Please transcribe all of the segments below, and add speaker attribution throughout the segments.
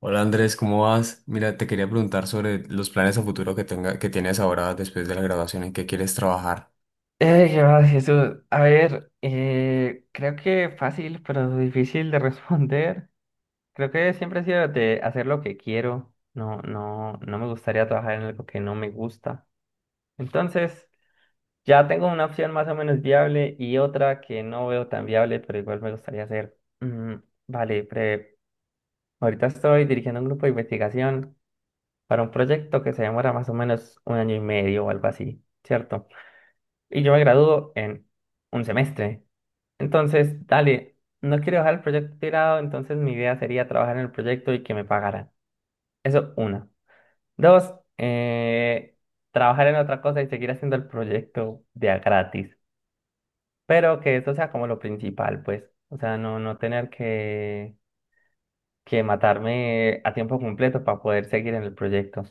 Speaker 1: Hola Andrés, ¿cómo vas? Mira, te quería preguntar sobre los planes a futuro que tienes ahora después de la graduación, en qué quieres trabajar.
Speaker 2: ¿Qué más, Jesús? A ver, creo que fácil, pero difícil de responder. Creo que siempre he sido de hacer lo que quiero. No, no, no me gustaría trabajar en algo que no me gusta. Entonces, ya tengo una opción más o menos viable y otra que no veo tan viable, pero igual me gustaría hacer. Mm, vale, ahorita estoy dirigiendo un grupo de investigación para un proyecto que se demora más o menos un año y medio o algo así, ¿cierto? Y yo me gradúo en un semestre. Entonces, dale, no quiero dejar el proyecto tirado, entonces mi idea sería trabajar en el proyecto y que me pagaran. Eso, una. Dos, trabajar en otra cosa y seguir haciendo el proyecto de a gratis. Pero que eso sea como lo principal, pues. O sea, no tener que matarme a tiempo completo para poder seguir en el proyecto.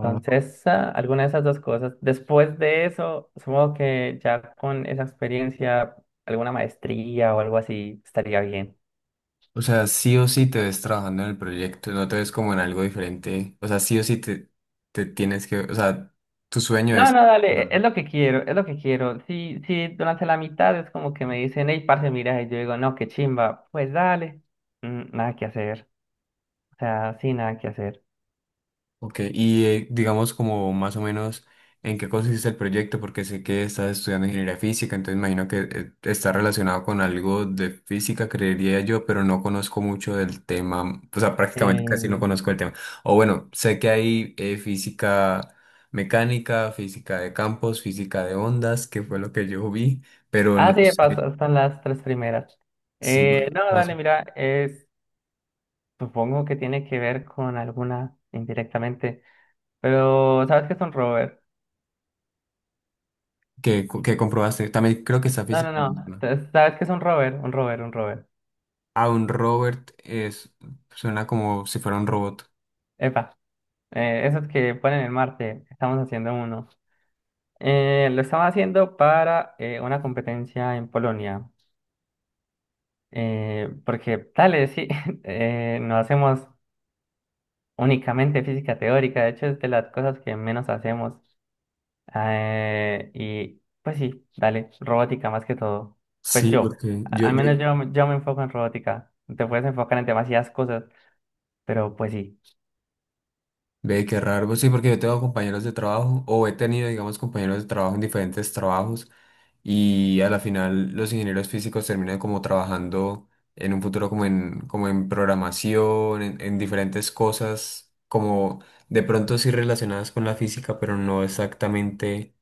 Speaker 2: Entonces, alguna de esas dos cosas. Después de eso, supongo que ya con esa experiencia, alguna maestría o algo así estaría bien.
Speaker 1: O sea, sí o sí te ves trabajando en el proyecto, no te ves como en algo diferente. O sea, te tienes que, o sea, tu sueño
Speaker 2: No,
Speaker 1: es...
Speaker 2: no, dale, es lo que quiero, es lo que quiero. Si durante la mitad es como que me dicen, hey, parce, mira, y yo digo, no, qué chimba, pues dale. Mm, nada que hacer, o sea, sí, nada que hacer.
Speaker 1: Ok, y digamos, como más o menos en qué consiste el proyecto, porque sé que estás estudiando ingeniería física, entonces imagino que está relacionado con algo de física, creería yo, pero no conozco mucho del tema, o sea, prácticamente casi no
Speaker 2: Eh,
Speaker 1: conozco el tema. O bueno, sé que hay física mecánica, física de campos, física de ondas, que fue lo que yo vi, pero no
Speaker 2: sí,
Speaker 1: sé
Speaker 2: pasó, están las tres primeras.
Speaker 1: si
Speaker 2: No,
Speaker 1: más,
Speaker 2: dale, mira, supongo que tiene que ver con alguna indirectamente, pero ¿sabes qué es un rover?
Speaker 1: que comprobaste. También creo que está
Speaker 2: No, no,
Speaker 1: física
Speaker 2: no,
Speaker 1: moderna.
Speaker 2: entonces, ¿sabes qué es un rover? Un rover.
Speaker 1: A un Robert es, suena como si fuera un robot.
Speaker 2: Epa, esos que ponen en Marte, estamos haciendo uno. Lo estaba haciendo para una competencia en Polonia, porque tal sí, no hacemos únicamente física teórica, de hecho es de las cosas que menos hacemos. Y pues sí, dale, robótica más que todo. Pues
Speaker 1: Sí,
Speaker 2: yo,
Speaker 1: porque
Speaker 2: al menos yo, yo me enfoco en robótica, te puedes enfocar en demasiadas cosas, pero pues sí.
Speaker 1: ve qué raro. Pues sí, porque yo tengo compañeros de trabajo, o he tenido, digamos, compañeros de trabajo en diferentes trabajos, y a la final los ingenieros físicos terminan como trabajando en un futuro como como en programación, en diferentes cosas, como de pronto sí relacionadas con la física, pero no exactamente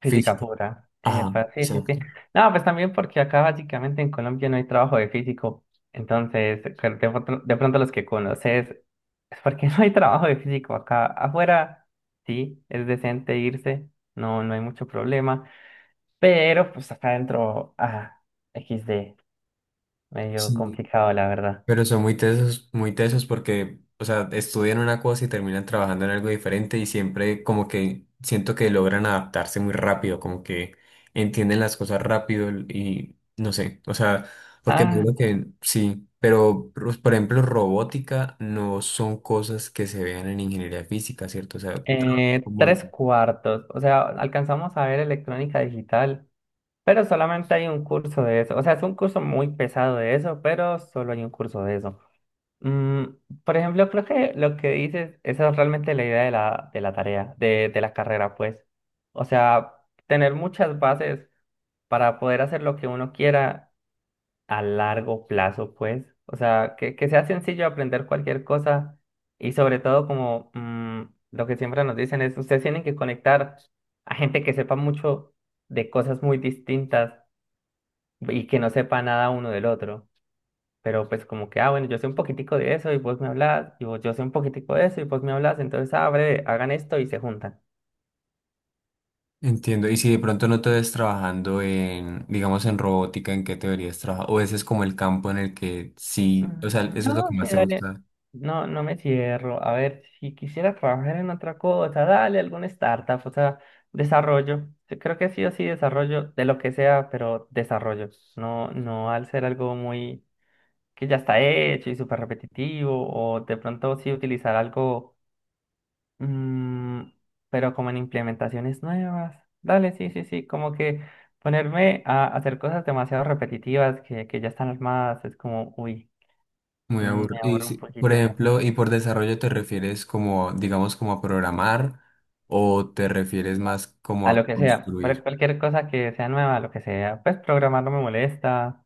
Speaker 2: Física
Speaker 1: física.
Speaker 2: pura.
Speaker 1: Ajá,
Speaker 2: Epa, sí, sí, sí.
Speaker 1: exacto.
Speaker 2: No, pues también porque acá básicamente en Colombia no hay trabajo de físico. Entonces, que de pronto los que conoces es porque no hay trabajo de físico acá. Afuera, sí, es decente irse, no, no hay mucho problema. Pero pues acá adentro, equis de, medio
Speaker 1: Sí,
Speaker 2: complicado, la verdad.
Speaker 1: pero son muy tesos porque, o sea, estudian una cosa y terminan trabajando en algo diferente y siempre como que siento que logran adaptarse muy rápido, como que entienden las cosas rápido y no sé, o sea, porque me
Speaker 2: Ah,
Speaker 1: digo que sí, pero pues, por ejemplo, robótica no son cosas que se vean en ingeniería física, ¿cierto? O sea, como
Speaker 2: tres cuartos. O sea, alcanzamos a ver electrónica digital. Pero solamente hay un curso de eso. O sea, es un curso muy pesado de eso, pero solo hay un curso de eso. Mm, por ejemplo, creo que lo que dices, esa es realmente la idea de de la tarea, de la carrera, pues. O sea, tener muchas bases para poder hacer lo que uno quiera a largo plazo, pues. O sea, que sea sencillo aprender cualquier cosa y sobre todo como lo que siempre nos dicen es, ustedes tienen que conectar a gente que sepa mucho de cosas muy distintas y que no sepa nada uno del otro. Pero pues como que, ah, bueno, yo sé un poquitico de eso y vos me hablas, y vos, yo sé un poquitico de eso y vos me hablas, entonces abre, hagan esto y se juntan.
Speaker 1: entiendo. Y si de pronto no te ves trabajando en, digamos, en robótica, ¿en qué te deberías trabajar? O ese es como el campo en el que
Speaker 2: Ujú.
Speaker 1: sí, o sea, eso es lo
Speaker 2: No,
Speaker 1: que
Speaker 2: sí,
Speaker 1: más te
Speaker 2: dale.
Speaker 1: gusta.
Speaker 2: No, no me cierro. A ver, si quisiera trabajar en otra cosa, dale alguna startup, o sea, desarrollo. Yo creo que sí o sí desarrollo de lo que sea, pero desarrollo. No, no al ser algo muy que ya está hecho y súper repetitivo, o de pronto sí utilizar algo. Mm, pero como en implementaciones nuevas. Dale, sí, sí, sí, como que ponerme a hacer cosas demasiado repetitivas que ya están armadas es como, uy,
Speaker 1: Muy
Speaker 2: me
Speaker 1: aburrido. Y
Speaker 2: aburro un
Speaker 1: si- por
Speaker 2: poquito.
Speaker 1: ejemplo, ¿y por desarrollo te refieres como, digamos, como a programar o te refieres más como
Speaker 2: A lo
Speaker 1: a
Speaker 2: que sea,
Speaker 1: construir?
Speaker 2: cualquier cosa que sea nueva, lo que sea. Pues programar no me molesta,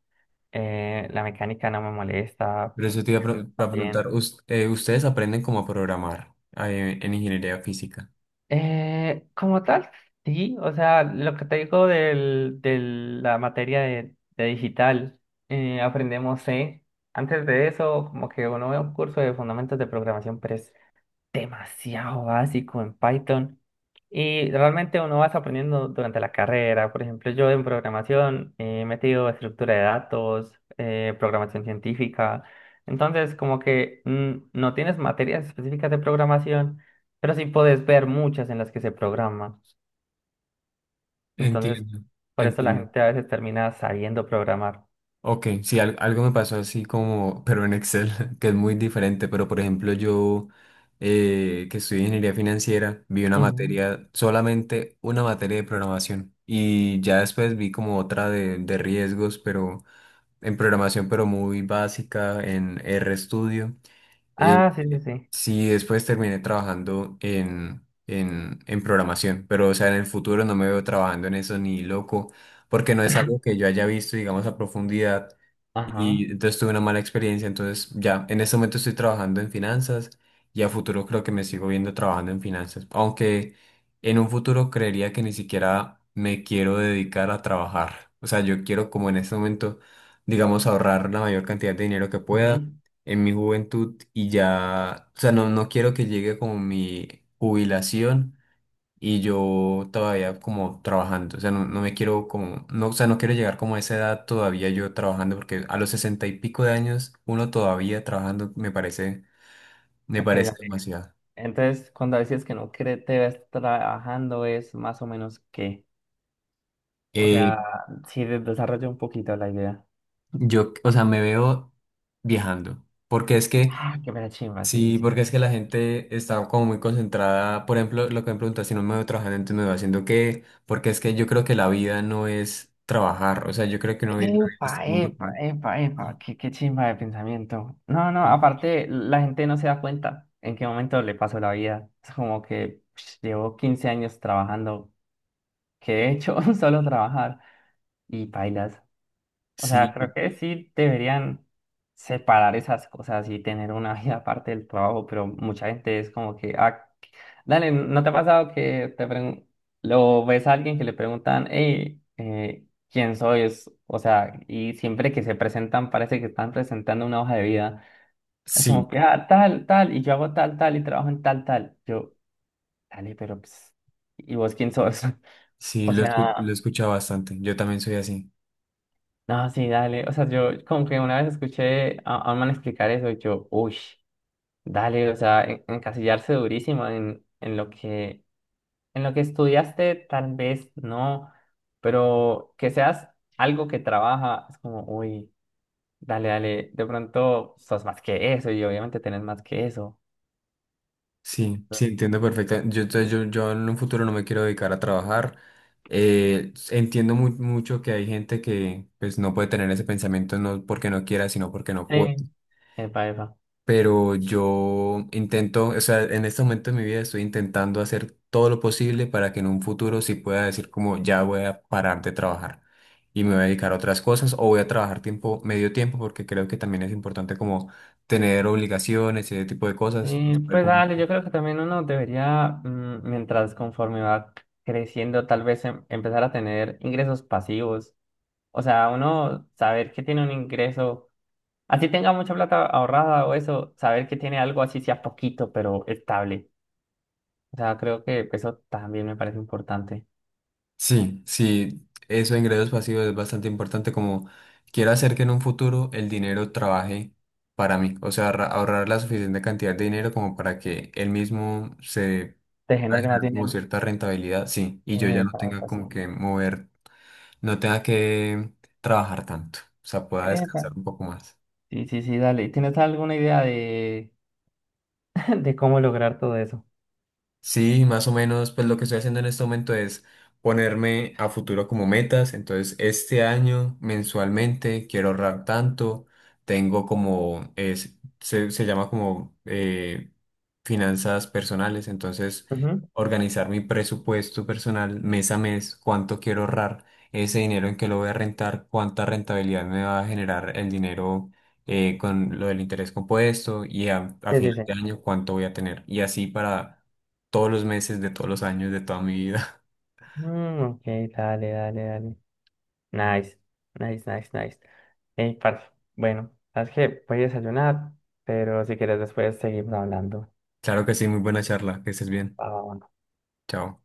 Speaker 2: la mecánica no me molesta,
Speaker 1: Pero eso te iba a, pre- para
Speaker 2: también.
Speaker 1: preguntar, ¿us- ustedes aprenden como a programar en ingeniería física?
Speaker 2: Como tal, sí, o sea, lo que te digo de la materia de digital, aprendemos C. Antes de eso, como que uno ve un curso de fundamentos de programación, pero es demasiado básico en Python y realmente uno vas aprendiendo durante la carrera. Por ejemplo, yo en programación he metido estructura de datos, programación científica. Entonces, como que no tienes materias específicas de programación, pero sí puedes ver muchas en las que se programa. Entonces,
Speaker 1: Entiendo,
Speaker 2: por eso la
Speaker 1: entiendo.
Speaker 2: gente a veces termina sabiendo programar.
Speaker 1: Ok, sí, al- algo me pasó así como, pero en Excel, que es muy diferente, pero por ejemplo yo, que estudié ingeniería financiera, vi una
Speaker 2: Ujú.
Speaker 1: materia, solamente una materia de programación y ya después vi como otra de riesgos, pero en programación, pero muy básica, en RStudio. Eh,
Speaker 2: Ah, sí, sí,
Speaker 1: eh,
Speaker 2: sí.
Speaker 1: sí, después terminé trabajando en programación, pero o sea, en el futuro no me veo trabajando en eso ni loco, porque no es algo que yo haya visto, digamos, a profundidad.
Speaker 2: Ajá.
Speaker 1: Y entonces tuve una mala experiencia, entonces ya en este momento estoy trabajando en finanzas y a futuro creo que me sigo viendo trabajando en finanzas, aunque en un futuro creería que ni siquiera me quiero dedicar a trabajar. O sea, yo quiero como en este momento, digamos, ahorrar la mayor cantidad de dinero que
Speaker 2: Ujú.
Speaker 1: pueda en mi juventud y ya, o sea, no, no quiero que llegue como mi jubilación y yo todavía como trabajando, o sea, no, no me quiero como, no, o sea, no quiero llegar como a esa edad todavía yo trabajando porque a los sesenta y pico de años uno todavía trabajando me
Speaker 2: Ok,
Speaker 1: parece
Speaker 2: dale.
Speaker 1: demasiado.
Speaker 2: Entonces, cuando decías que no te ves trabajando, es más o menos que, o
Speaker 1: Eh,
Speaker 2: sea, si desarrollo un poquito la idea.
Speaker 1: yo, o sea, me veo viajando porque es que
Speaker 2: Ah, qué mera chimba, sí, sí,
Speaker 1: sí,
Speaker 2: sí.
Speaker 1: porque es que la gente está como muy concentrada. Por ejemplo, lo que me preguntas, si no me veo trabajando, entonces me veo haciendo qué. Porque es que yo creo que la vida no es trabajar. O sea, yo creo que uno vive en este
Speaker 2: Epa,
Speaker 1: mundo
Speaker 2: epa,
Speaker 1: como...
Speaker 2: epa, epa,
Speaker 1: "Ah,
Speaker 2: qué chimba de pensamiento. No, no, aparte, la gente no se da cuenta en qué momento le pasó la vida. Es como que psh, llevo 15 años trabajando, que he hecho solo trabajar y bailas. O sea,
Speaker 1: sí,
Speaker 2: creo que sí deberían separar esas cosas y tener una vida aparte del trabajo, pero mucha gente es como que, ah, dale, ¿no te ha pasado que te lo ves a alguien que le preguntan, hey, ¿quién sois? O sea, y siempre que se presentan parece que están presentando una hoja de vida. Es
Speaker 1: sí,
Speaker 2: como que, ah, tal, tal, y yo hago tal, tal, y trabajo en tal, tal. Yo, dale, pero, pues, ¿y vos quién sos?
Speaker 1: sí,
Speaker 2: O
Speaker 1: lo, escu- lo he
Speaker 2: sea...
Speaker 1: escuchado bastante. Yo también soy así.
Speaker 2: No, sí, dale. O sea, yo como que una vez escuché a un man explicar eso y yo, uy, dale, o sea, encasillarse durísimo en lo que estudiaste, tal vez no, pero que seas algo que trabaja, es como, uy, dale, dale, de pronto sos más que eso y obviamente tenés más que eso.
Speaker 1: Sí, sí, entiendo perfectamente. Entonces, yo en un futuro no me quiero dedicar a trabajar. Entiendo mu- mucho que hay gente que pues no puede tener ese pensamiento no porque no quiera, sino porque no puede.
Speaker 2: Sí, epa, epa.
Speaker 1: Pero yo intento, o sea, en este momento de mi vida estoy intentando hacer todo lo posible para que en un futuro sí pueda decir como ya voy a parar de trabajar y me voy a dedicar a otras cosas o voy a trabajar tiempo, medio tiempo, porque creo que también es importante como tener obligaciones y ese tipo de cosas. No
Speaker 2: Sí,
Speaker 1: se puede
Speaker 2: pues
Speaker 1: como-
Speaker 2: dale, yo creo que también uno debería, mm, mientras conforme va creciendo, tal vez empezar a tener ingresos pasivos. O sea, uno saber que tiene un ingreso, así tenga mucha plata ahorrada o eso, saber que tiene algo así sea poquito, pero estable. O sea, creo que eso también me parece importante.
Speaker 1: Sí, sí, eso de ingresos pasivos es bastante importante como quiero hacer que en un futuro el dinero trabaje para mí, o sea, ahorra- ahorrar la suficiente cantidad de dinero como para que él mismo se
Speaker 2: Te
Speaker 1: a
Speaker 2: genere más
Speaker 1: generar como
Speaker 2: dinero.
Speaker 1: cierta rentabilidad, sí, y yo ya no
Speaker 2: Epa,
Speaker 1: tenga
Speaker 2: epa, sí.
Speaker 1: como que mover, no tenga que trabajar tanto, o sea, pueda
Speaker 2: Epa.
Speaker 1: descansar un poco más.
Speaker 2: Sí, sí, sí, dale. ¿Tienes alguna idea de, de cómo lograr todo eso?
Speaker 1: Sí, más o menos, pues lo que estoy haciendo en este momento es ponerme a futuro como metas. Entonces, este año mensualmente quiero ahorrar tanto. Tengo como, es, se llama como finanzas personales. Entonces,
Speaker 2: Ujú.
Speaker 1: organizar mi presupuesto personal mes a mes, cuánto quiero ahorrar, ese dinero en que lo voy a rentar, cuánta rentabilidad me va a generar el dinero con lo del interés compuesto y a
Speaker 2: Sí, sí,
Speaker 1: final
Speaker 2: sí.
Speaker 1: de año cuánto voy a tener. Y así para todos los meses, de todos los años, de toda mi vida.
Speaker 2: Mm, ok, dale, dale, dale. Nice, nice, nice, nice. Ey, parce, bueno, sabes que voy a desayunar, pero si quieres después seguimos hablando.
Speaker 1: Claro que sí, muy buena charla, que estés bien.
Speaker 2: Va, va, va.
Speaker 1: Chao.